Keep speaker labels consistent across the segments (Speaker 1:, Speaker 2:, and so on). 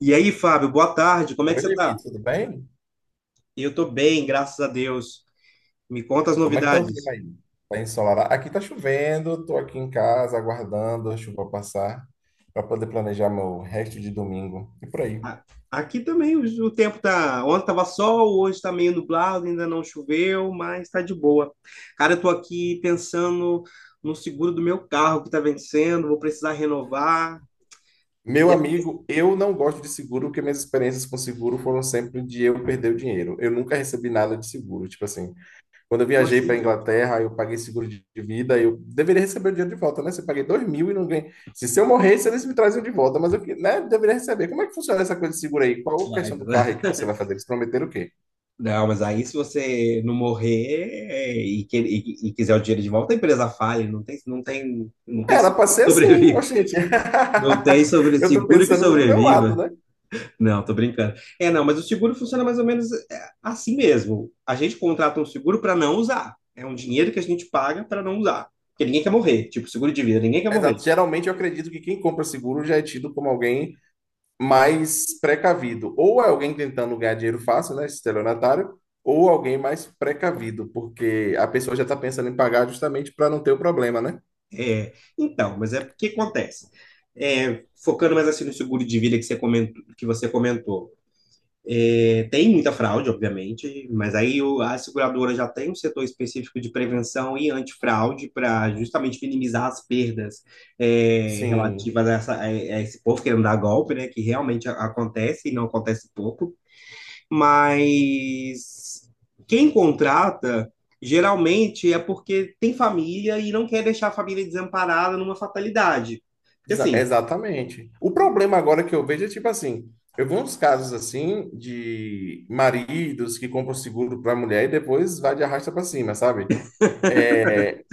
Speaker 1: E aí, Fábio, boa tarde, como é que
Speaker 2: Oi,
Speaker 1: você
Speaker 2: Levi,
Speaker 1: tá?
Speaker 2: tudo bem?
Speaker 1: Eu tô bem, graças a Deus. Me conta as
Speaker 2: Como é que tá o clima
Speaker 1: novidades.
Speaker 2: aí? Tá ensolarado? Aqui tá chovendo, tô aqui em casa aguardando a chuva passar para poder planejar meu resto de domingo e por aí.
Speaker 1: A- Aqui também o tempo tá. Ontem tava sol, hoje tá meio nublado, ainda não choveu, mas tá de boa. Cara, eu tô aqui pensando no seguro do meu carro que tá vencendo, vou precisar renovar.
Speaker 2: Meu
Speaker 1: É,
Speaker 2: amigo, eu não gosto de seguro porque minhas experiências com seguro foram sempre de eu perder o dinheiro. Eu nunca recebi nada de seguro, tipo assim. Quando eu
Speaker 1: como
Speaker 2: viajei para
Speaker 1: assim, gente?
Speaker 2: Inglaterra, eu paguei seguro de vida, eu deveria receber o dinheiro de volta, né? Se eu paguei 2.000 e não ganhei. Se eu morresse, eles me traziam de volta, mas eu né, deveria receber. Como é que funciona essa coisa de seguro aí? Qual a
Speaker 1: Vai,
Speaker 2: questão do carro aí
Speaker 1: né?
Speaker 2: que você vai fazer? Eles prometeram o quê?
Speaker 1: Não, mas aí se você não morrer e quiser o dinheiro de volta, a empresa fale, não tem
Speaker 2: Era
Speaker 1: seguro
Speaker 2: para
Speaker 1: que
Speaker 2: ser assim,
Speaker 1: sobrevive.
Speaker 2: oxente.
Speaker 1: Não tem sobre
Speaker 2: Eu tô
Speaker 1: seguro que
Speaker 2: pensando do meu lado,
Speaker 1: sobreviva.
Speaker 2: né?
Speaker 1: Não, tô brincando. Não, mas o seguro funciona mais ou menos assim mesmo. A gente contrata um seguro para não usar. É um dinheiro que a gente paga para não usar. Porque ninguém quer morrer. Tipo, seguro de vida, ninguém quer morrer.
Speaker 2: Exato. Geralmente eu acredito que quem compra seguro já é tido como alguém mais precavido. Ou é alguém tentando ganhar dinheiro fácil, né? Estelionatário, ou alguém mais precavido, porque a pessoa já está pensando em pagar justamente para não ter o problema, né?
Speaker 1: É, então, mas é o que acontece. É, focando mais assim no seguro de vida que você comentou, que você comentou. É, tem muita fraude, obviamente, mas a seguradora já tem um setor específico de prevenção e antifraude para justamente minimizar as perdas,
Speaker 2: Sim,
Speaker 1: relativas a, a esse povo querendo dar golpe, né? Que realmente acontece e não acontece pouco. Mas quem contrata geralmente é porque tem família e não quer deixar a família desamparada numa fatalidade. Porque assim,
Speaker 2: exatamente. O problema agora que eu vejo é tipo assim: eu vi uns casos assim de maridos que compram seguro para a mulher e depois vai de arrasta para cima, sabe? É,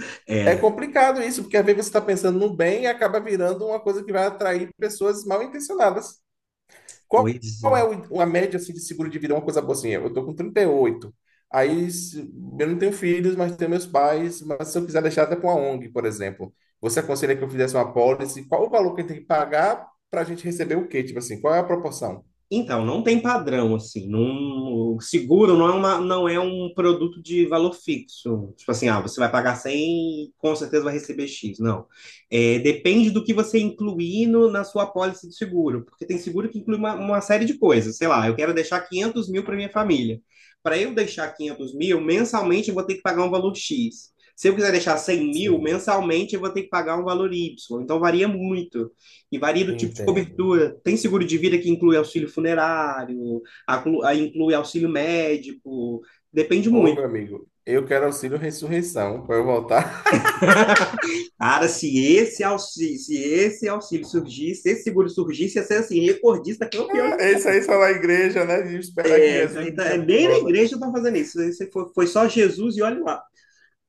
Speaker 2: é
Speaker 1: é,
Speaker 2: complicado isso, porque às vezes você está pensando no bem e acaba virando uma coisa que vai atrair pessoas mal intencionadas. Qual,
Speaker 1: pois
Speaker 2: qual é
Speaker 1: é.
Speaker 2: a média assim, de seguro de vida? É uma coisa boa assim, eu tô com 38. Aí eu não tenho filhos, mas tenho meus pais. Mas se eu quiser deixar até para uma ONG, por exemplo, você aconselha que eu fizesse uma apólice? Qual o valor que a gente tem que pagar para a gente receber o quê? Tipo assim, qual é a proporção?
Speaker 1: Então, não tem padrão, assim. Não, o seguro não é um produto de valor fixo. Tipo assim, ah, você vai pagar 100 e com certeza vai receber X. Não. É, depende do que você incluir na sua apólice de seguro. Porque tem seguro que inclui uma série de coisas. Sei lá, eu quero deixar 500 mil para minha família. Para eu deixar 500 mil, mensalmente eu vou ter que pagar um valor X. Se eu quiser deixar 100 mil,
Speaker 2: Sim,
Speaker 1: mensalmente eu vou ter que pagar um valor Y. Então, varia muito. E varia do tipo de
Speaker 2: entendo.
Speaker 1: cobertura. Tem seguro de vida que inclui auxílio funerário, inclui auxílio médico. Depende
Speaker 2: Ô,
Speaker 1: muito.
Speaker 2: meu amigo, eu quero auxílio ressurreição para eu voltar.
Speaker 1: Cara, se esse auxílio surgisse, se esse seguro surgisse, ia ser assim, recordista, campeão de
Speaker 2: Isso
Speaker 1: merda.
Speaker 2: aí só na igreja, né? E esperar que
Speaker 1: É, isso
Speaker 2: Jesus
Speaker 1: aí
Speaker 2: me
Speaker 1: tá-
Speaker 2: chame de
Speaker 1: nem na
Speaker 2: volta.
Speaker 1: igreja estão fazendo isso. Isso aí foi só Jesus e olha lá.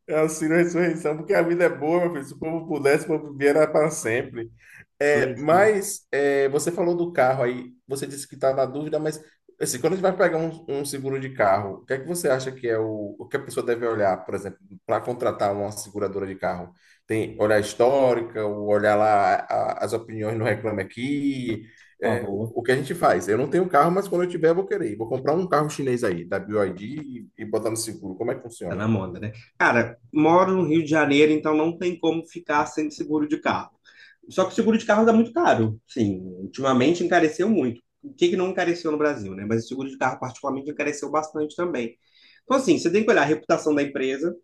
Speaker 2: É auxílio à ressurreição, porque a vida é boa, meu filho. Se o povo pudesse, o povo vivia para sempre. É,
Speaker 1: Foi. Sim.
Speaker 2: mas é, você falou do carro aí, você disse que está na dúvida, mas assim, quando a gente vai pegar um seguro de carro, o que é que você acha que é o que a pessoa deve olhar, por exemplo, para contratar uma seguradora de carro? Tem olhar histórica, ou olhar lá as opiniões no Reclame Aqui,
Speaker 1: Ó,
Speaker 2: é, o,
Speaker 1: boa.
Speaker 2: o que a gente faz? Eu não tenho carro, mas quando eu tiver, eu vou querer. Vou comprar um carro chinês aí, da BYD, e botar no seguro. Como é que
Speaker 1: Tá
Speaker 2: funciona?
Speaker 1: na moda, né? Cara, moro no Rio de Janeiro, então não tem como ficar sem seguro de carro. Só que o seguro de carro tá muito caro. Sim, ultimamente encareceu muito. O que que não encareceu no Brasil, né? Mas o seguro de carro, particularmente, encareceu bastante também. Então, assim, você tem que olhar a reputação da empresa.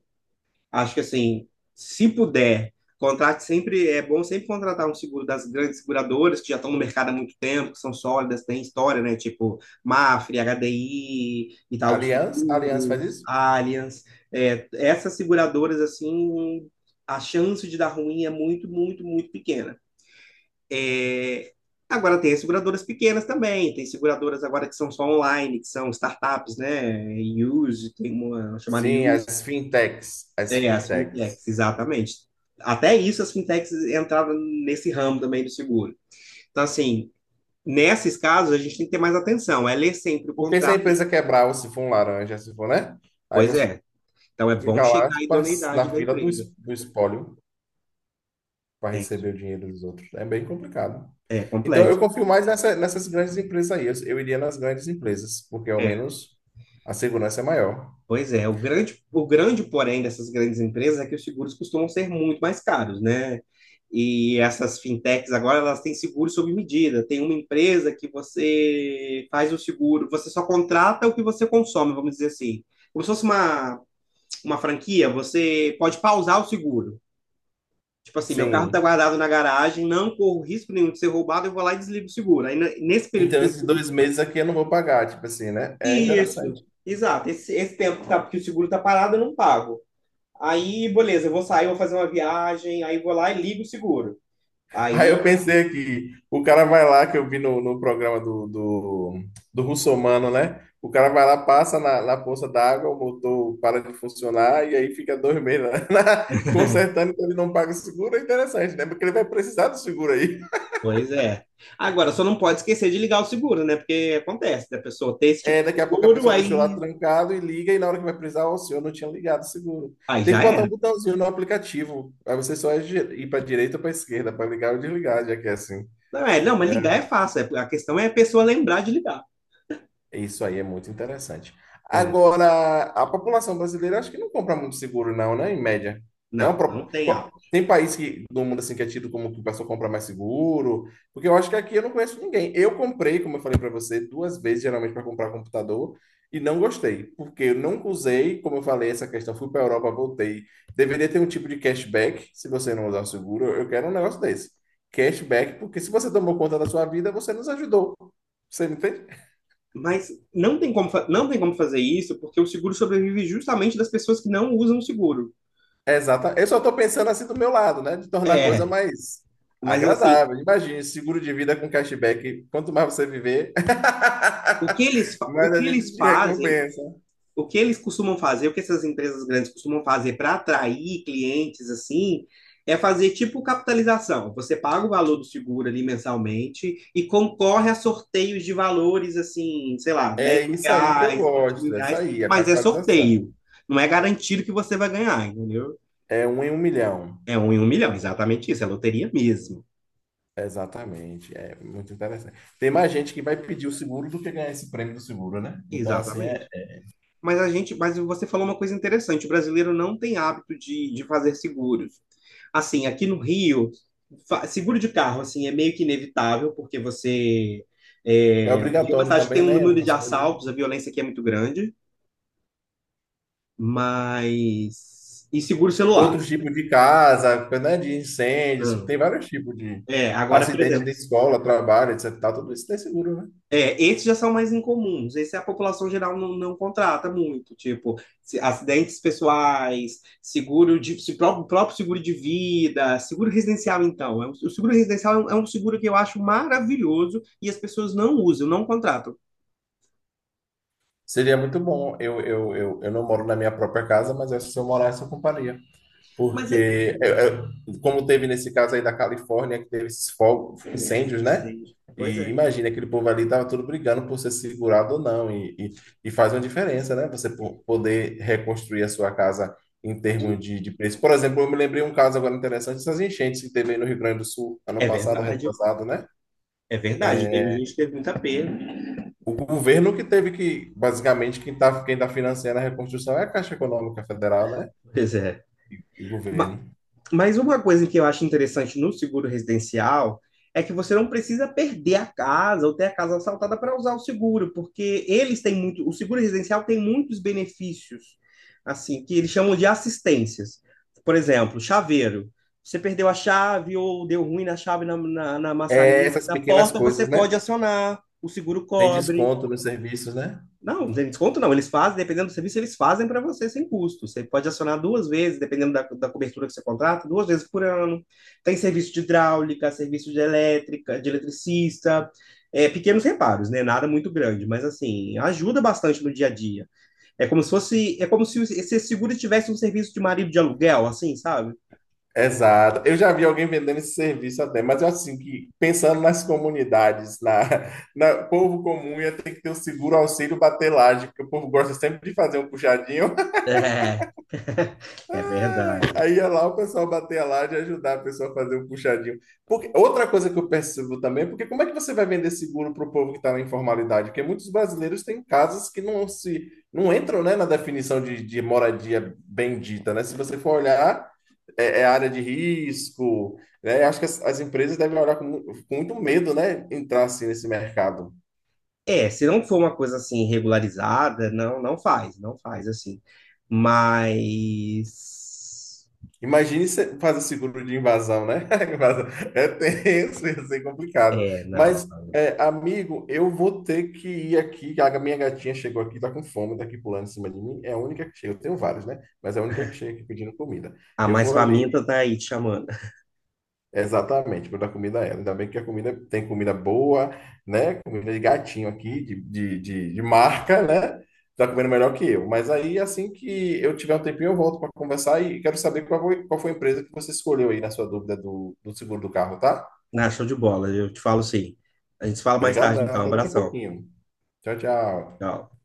Speaker 1: Acho que assim, se puder, contrate sempre, é bom sempre contratar um seguro das grandes seguradoras que já estão no mercado há muito tempo, que são sólidas, têm história, né? Tipo Mafre, HDI, Itaú
Speaker 2: Aliança? Aliança faz
Speaker 1: Seguros,
Speaker 2: isso?
Speaker 1: Allianz. É, essas seguradoras, assim, a chance de dar ruim é muito, muito, muito pequena. É, agora tem as seguradoras pequenas também, tem seguradoras agora que são só online, que são startups, né? Use, tem uma chamada
Speaker 2: Sim,
Speaker 1: Use,
Speaker 2: as fintechs. As
Speaker 1: é, as
Speaker 2: fintechs.
Speaker 1: fintechs, exatamente. Até isso, as fintechs entravam nesse ramo também do seguro. Então, assim, nesses casos, a gente tem que ter mais atenção, é ler sempre o
Speaker 2: Porque se a
Speaker 1: contrato.
Speaker 2: empresa quebrar, ou se for um laranja, se for, né? Aí
Speaker 1: Pois
Speaker 2: você
Speaker 1: é. Então, é bom
Speaker 2: fica lá
Speaker 1: checar a idoneidade
Speaker 2: na
Speaker 1: da
Speaker 2: fila do,
Speaker 1: empresa.
Speaker 2: es- do espólio para
Speaker 1: É isso.
Speaker 2: receber o dinheiro dos outros. É bem complicado.
Speaker 1: É
Speaker 2: Então,
Speaker 1: complexo.
Speaker 2: eu confio mais nessas grandes empresas aí. Eu iria nas grandes empresas, porque ao
Speaker 1: É.
Speaker 2: menos a segurança é maior.
Speaker 1: Pois é, o grande porém dessas grandes empresas é que os seguros costumam ser muito mais caros, né? E essas fintechs agora elas têm seguro sob medida. Tem uma empresa que você faz o seguro, você só contrata o que você consome, vamos dizer assim. Como se fosse uma franquia, você pode pausar o seguro. Tipo assim, meu carro
Speaker 2: Sim.
Speaker 1: está guardado na garagem, não corro risco nenhum de ser roubado, eu vou lá e desligo o seguro. Nesse período
Speaker 2: Então,
Speaker 1: que o
Speaker 2: esses
Speaker 1: seguro.
Speaker 2: 2 meses aqui eu não vou pagar, tipo assim, né? É interessante.
Speaker 1: Isso, exato. Esse tempo que o seguro está parado, eu não pago. Aí, beleza, eu vou sair, vou fazer uma viagem, aí vou lá e ligo o seguro.
Speaker 2: Aí eu
Speaker 1: Aí,
Speaker 2: pensei aqui, o cara vai lá, que eu vi no programa do Russomano, né? O cara vai lá, passa na poça d'água, o motor para de funcionar e aí fica 2 meses, né? consertando, então ele não paga o seguro. É interessante, né? Porque ele vai precisar do seguro aí.
Speaker 1: pois é. Agora, só não pode esquecer de ligar o seguro, né? Porque acontece da pessoa ter esse tipo
Speaker 2: É,
Speaker 1: de
Speaker 2: daqui a pouco a
Speaker 1: seguro,
Speaker 2: pessoa deixou lá
Speaker 1: aí,
Speaker 2: trancado e liga, e na hora que vai precisar, ó, o senhor não tinha ligado o seguro.
Speaker 1: aí
Speaker 2: Tem que
Speaker 1: já
Speaker 2: botar um
Speaker 1: era.
Speaker 2: botãozinho no aplicativo, aí você só é ir para direita ou para esquerda para ligar ou desligar, já que é assim.
Speaker 1: Não, mas
Speaker 2: É,
Speaker 1: ligar é fácil. A questão é a pessoa lembrar de ligar.
Speaker 2: isso aí é muito interessante.
Speaker 1: É.
Speaker 2: Agora, a população brasileira acho que não compra muito seguro, não, né? Em média.
Speaker 1: Não, não tem áudio.
Speaker 2: Tem país que, do mundo assim, que é tido como que o pessoal compra mais seguro, porque eu acho que aqui eu não conheço ninguém. Eu comprei, como eu falei para você, 2 vezes geralmente para comprar computador e não gostei, porque eu nunca usei, como eu falei, essa questão. Fui para Europa, voltei. Deveria ter um tipo de cashback se você não usar o seguro. Eu quero um negócio desse. Cashback, porque se você tomou conta da sua vida, você nos ajudou. Você me entende?
Speaker 1: Mas não tem como, não tem como fazer isso, porque o seguro sobrevive justamente das pessoas que não usam o seguro.
Speaker 2: Exata. Eu só estou pensando assim do meu lado, né? De tornar a coisa
Speaker 1: É,
Speaker 2: mais
Speaker 1: mas assim,
Speaker 2: agradável. Imagine, seguro de vida com cashback. Quanto mais você viver,
Speaker 1: o
Speaker 2: mais a
Speaker 1: que eles
Speaker 2: gente te
Speaker 1: fazem,
Speaker 2: recompensa.
Speaker 1: o que eles costumam fazer, o que essas empresas grandes costumam fazer para atrair clientes assim, é fazer tipo capitalização. Você paga o valor do seguro ali mensalmente e concorre a sorteios de valores assim, sei lá,
Speaker 2: É
Speaker 1: 10 mil
Speaker 2: isso aí que eu
Speaker 1: reais, 20 mil
Speaker 2: gosto. Essa
Speaker 1: reais,
Speaker 2: aí, a
Speaker 1: mas é
Speaker 2: capitalização.
Speaker 1: sorteio. Não é garantido que você vai ganhar, entendeu?
Speaker 2: É um em um milhão.
Speaker 1: É um em um milhão, exatamente isso, é loteria mesmo.
Speaker 2: Exatamente. É muito interessante. Tem mais gente que vai pedir o seguro do que ganhar esse prêmio do seguro, né? Então, assim,
Speaker 1: Exatamente.
Speaker 2: é,
Speaker 1: Mas você falou uma coisa interessante, o brasileiro não tem hábito de fazer seguros. Assim, aqui no Rio, seguro de carro, assim, é meio que inevitável, porque você...
Speaker 2: é
Speaker 1: É, tem uma
Speaker 2: obrigatório
Speaker 1: cidade que tem
Speaker 2: também,
Speaker 1: um
Speaker 2: né?
Speaker 1: número de
Speaker 2: Algumas coisas, né?
Speaker 1: assaltos, a violência aqui é muito grande, mas... E seguro celular.
Speaker 2: Outros tipos de casa, né, de incêndio, tem
Speaker 1: Não.
Speaker 2: vários tipos de
Speaker 1: É, agora, por
Speaker 2: acidente de
Speaker 1: exemplo,
Speaker 2: escola, trabalho, etc. e tal. Tudo isso tem seguro, né?
Speaker 1: é, esses já são mais incomuns. Esse a população geral não contrata muito, tipo acidentes pessoais, seguro de se, pró- próprio seguro de vida, seguro residencial. Então, é o seguro residencial é um seguro que eu acho maravilhoso e as pessoas não usam, não contratam.
Speaker 2: Seria muito bom. Eu não moro na minha própria casa, mas eu, se eu morasse, eu compraria.
Speaker 1: Mas eu-
Speaker 2: Porque, como teve nesse caso aí da Califórnia, que teve esses fogos, incêndios, né?
Speaker 1: Sei, pois
Speaker 2: E
Speaker 1: é,
Speaker 2: imagina, aquele povo ali estava tudo brigando por ser segurado ou não. E faz uma diferença, né? Você poder reconstruir a sua casa em termos de preço. Por exemplo, eu me lembrei um caso agora interessante, dessas enchentes que teve aí no Rio Grande do Sul, ano
Speaker 1: é
Speaker 2: passado,
Speaker 1: verdade,
Speaker 2: retrasado, né?
Speaker 1: é verdade. Teve gente que teve muita perda.
Speaker 2: O governo que teve que, basicamente, quem tá financiando a reconstrução é a Caixa Econômica Federal, né?
Speaker 1: Pois é.
Speaker 2: E o
Speaker 1: Ma-
Speaker 2: governo.
Speaker 1: Mas uma coisa que eu acho interessante no seguro residencial é que você não precisa perder a casa ou ter a casa assaltada para usar o seguro, porque eles têm muito, o seguro residencial tem muitos benefícios, assim, que eles chamam de assistências. Por exemplo, chaveiro. Você perdeu a chave ou deu ruim na chave na
Speaker 2: É
Speaker 1: maçaneta
Speaker 2: essas
Speaker 1: da
Speaker 2: pequenas
Speaker 1: porta, você
Speaker 2: coisas, né?
Speaker 1: pode acionar, o seguro
Speaker 2: Tem
Speaker 1: cobre.
Speaker 2: desconto nos serviços, né?
Speaker 1: Não, sem desconto não. Eles fazem, dependendo do serviço, eles fazem para você sem custo. Você pode acionar duas vezes, dependendo da cobertura que você contrata, duas vezes por ano. Tem serviço de hidráulica, serviço de elétrica, de eletricista, é, pequenos reparos, né? Nada muito grande, mas assim, ajuda bastante no dia a dia. É como se fosse, é como se esse seguro tivesse um serviço de marido de aluguel, assim, sabe?
Speaker 2: Exato. Eu já vi alguém vendendo esse serviço até, mas eu acho assim que pensando nas comunidades, na, na povo comum ia ter que ter o seguro auxílio batelagem, porque o povo gosta sempre de fazer um puxadinho.
Speaker 1: É, é
Speaker 2: Ai,
Speaker 1: verdade.
Speaker 2: aí ia lá o pessoal bater a laje e ajudar a pessoa a fazer o puxadinho. Porque, outra coisa que eu percebo também, porque como é que você vai vender seguro para o povo que está na informalidade? Porque muitos brasileiros têm casas que não se não entram, né, na definição de moradia bendita, né? Se você for olhar, é, é área de risco, né? Acho que as empresas devem olhar com muito medo, né, entrar assim nesse mercado.
Speaker 1: É, se não for uma coisa assim regularizada, não, não faz, não faz assim. Mas
Speaker 2: Imagine você fazer seguro de invasão, né? Invasão. É tenso, ia ser complicado.
Speaker 1: é, não.
Speaker 2: Mas, é, amigo, eu vou ter que ir aqui, que a minha gatinha chegou aqui, tá com fome, tá aqui pulando em cima de mim. É a única que chega. Eu tenho vários, né? Mas é a única que chega aqui pedindo comida.
Speaker 1: A
Speaker 2: Eu
Speaker 1: mais
Speaker 2: vou ali.
Speaker 1: faminta tá aí te chamando.
Speaker 2: Exatamente, para dar comida a ela. Ainda bem que a comida tem comida boa, né? Comida de gatinho aqui, de marca, né? Tá comendo melhor que eu. Mas aí, assim que eu tiver um tempinho, eu volto para conversar e quero saber qual foi a empresa que você escolheu aí na sua dúvida do seguro do carro, tá?
Speaker 1: Na show de bola, eu te falo sim. A gente se fala mais tarde,
Speaker 2: Obrigadão,
Speaker 1: então. Um
Speaker 2: até daqui a
Speaker 1: abração.
Speaker 2: pouquinho. Tchau, tchau.
Speaker 1: Tchau.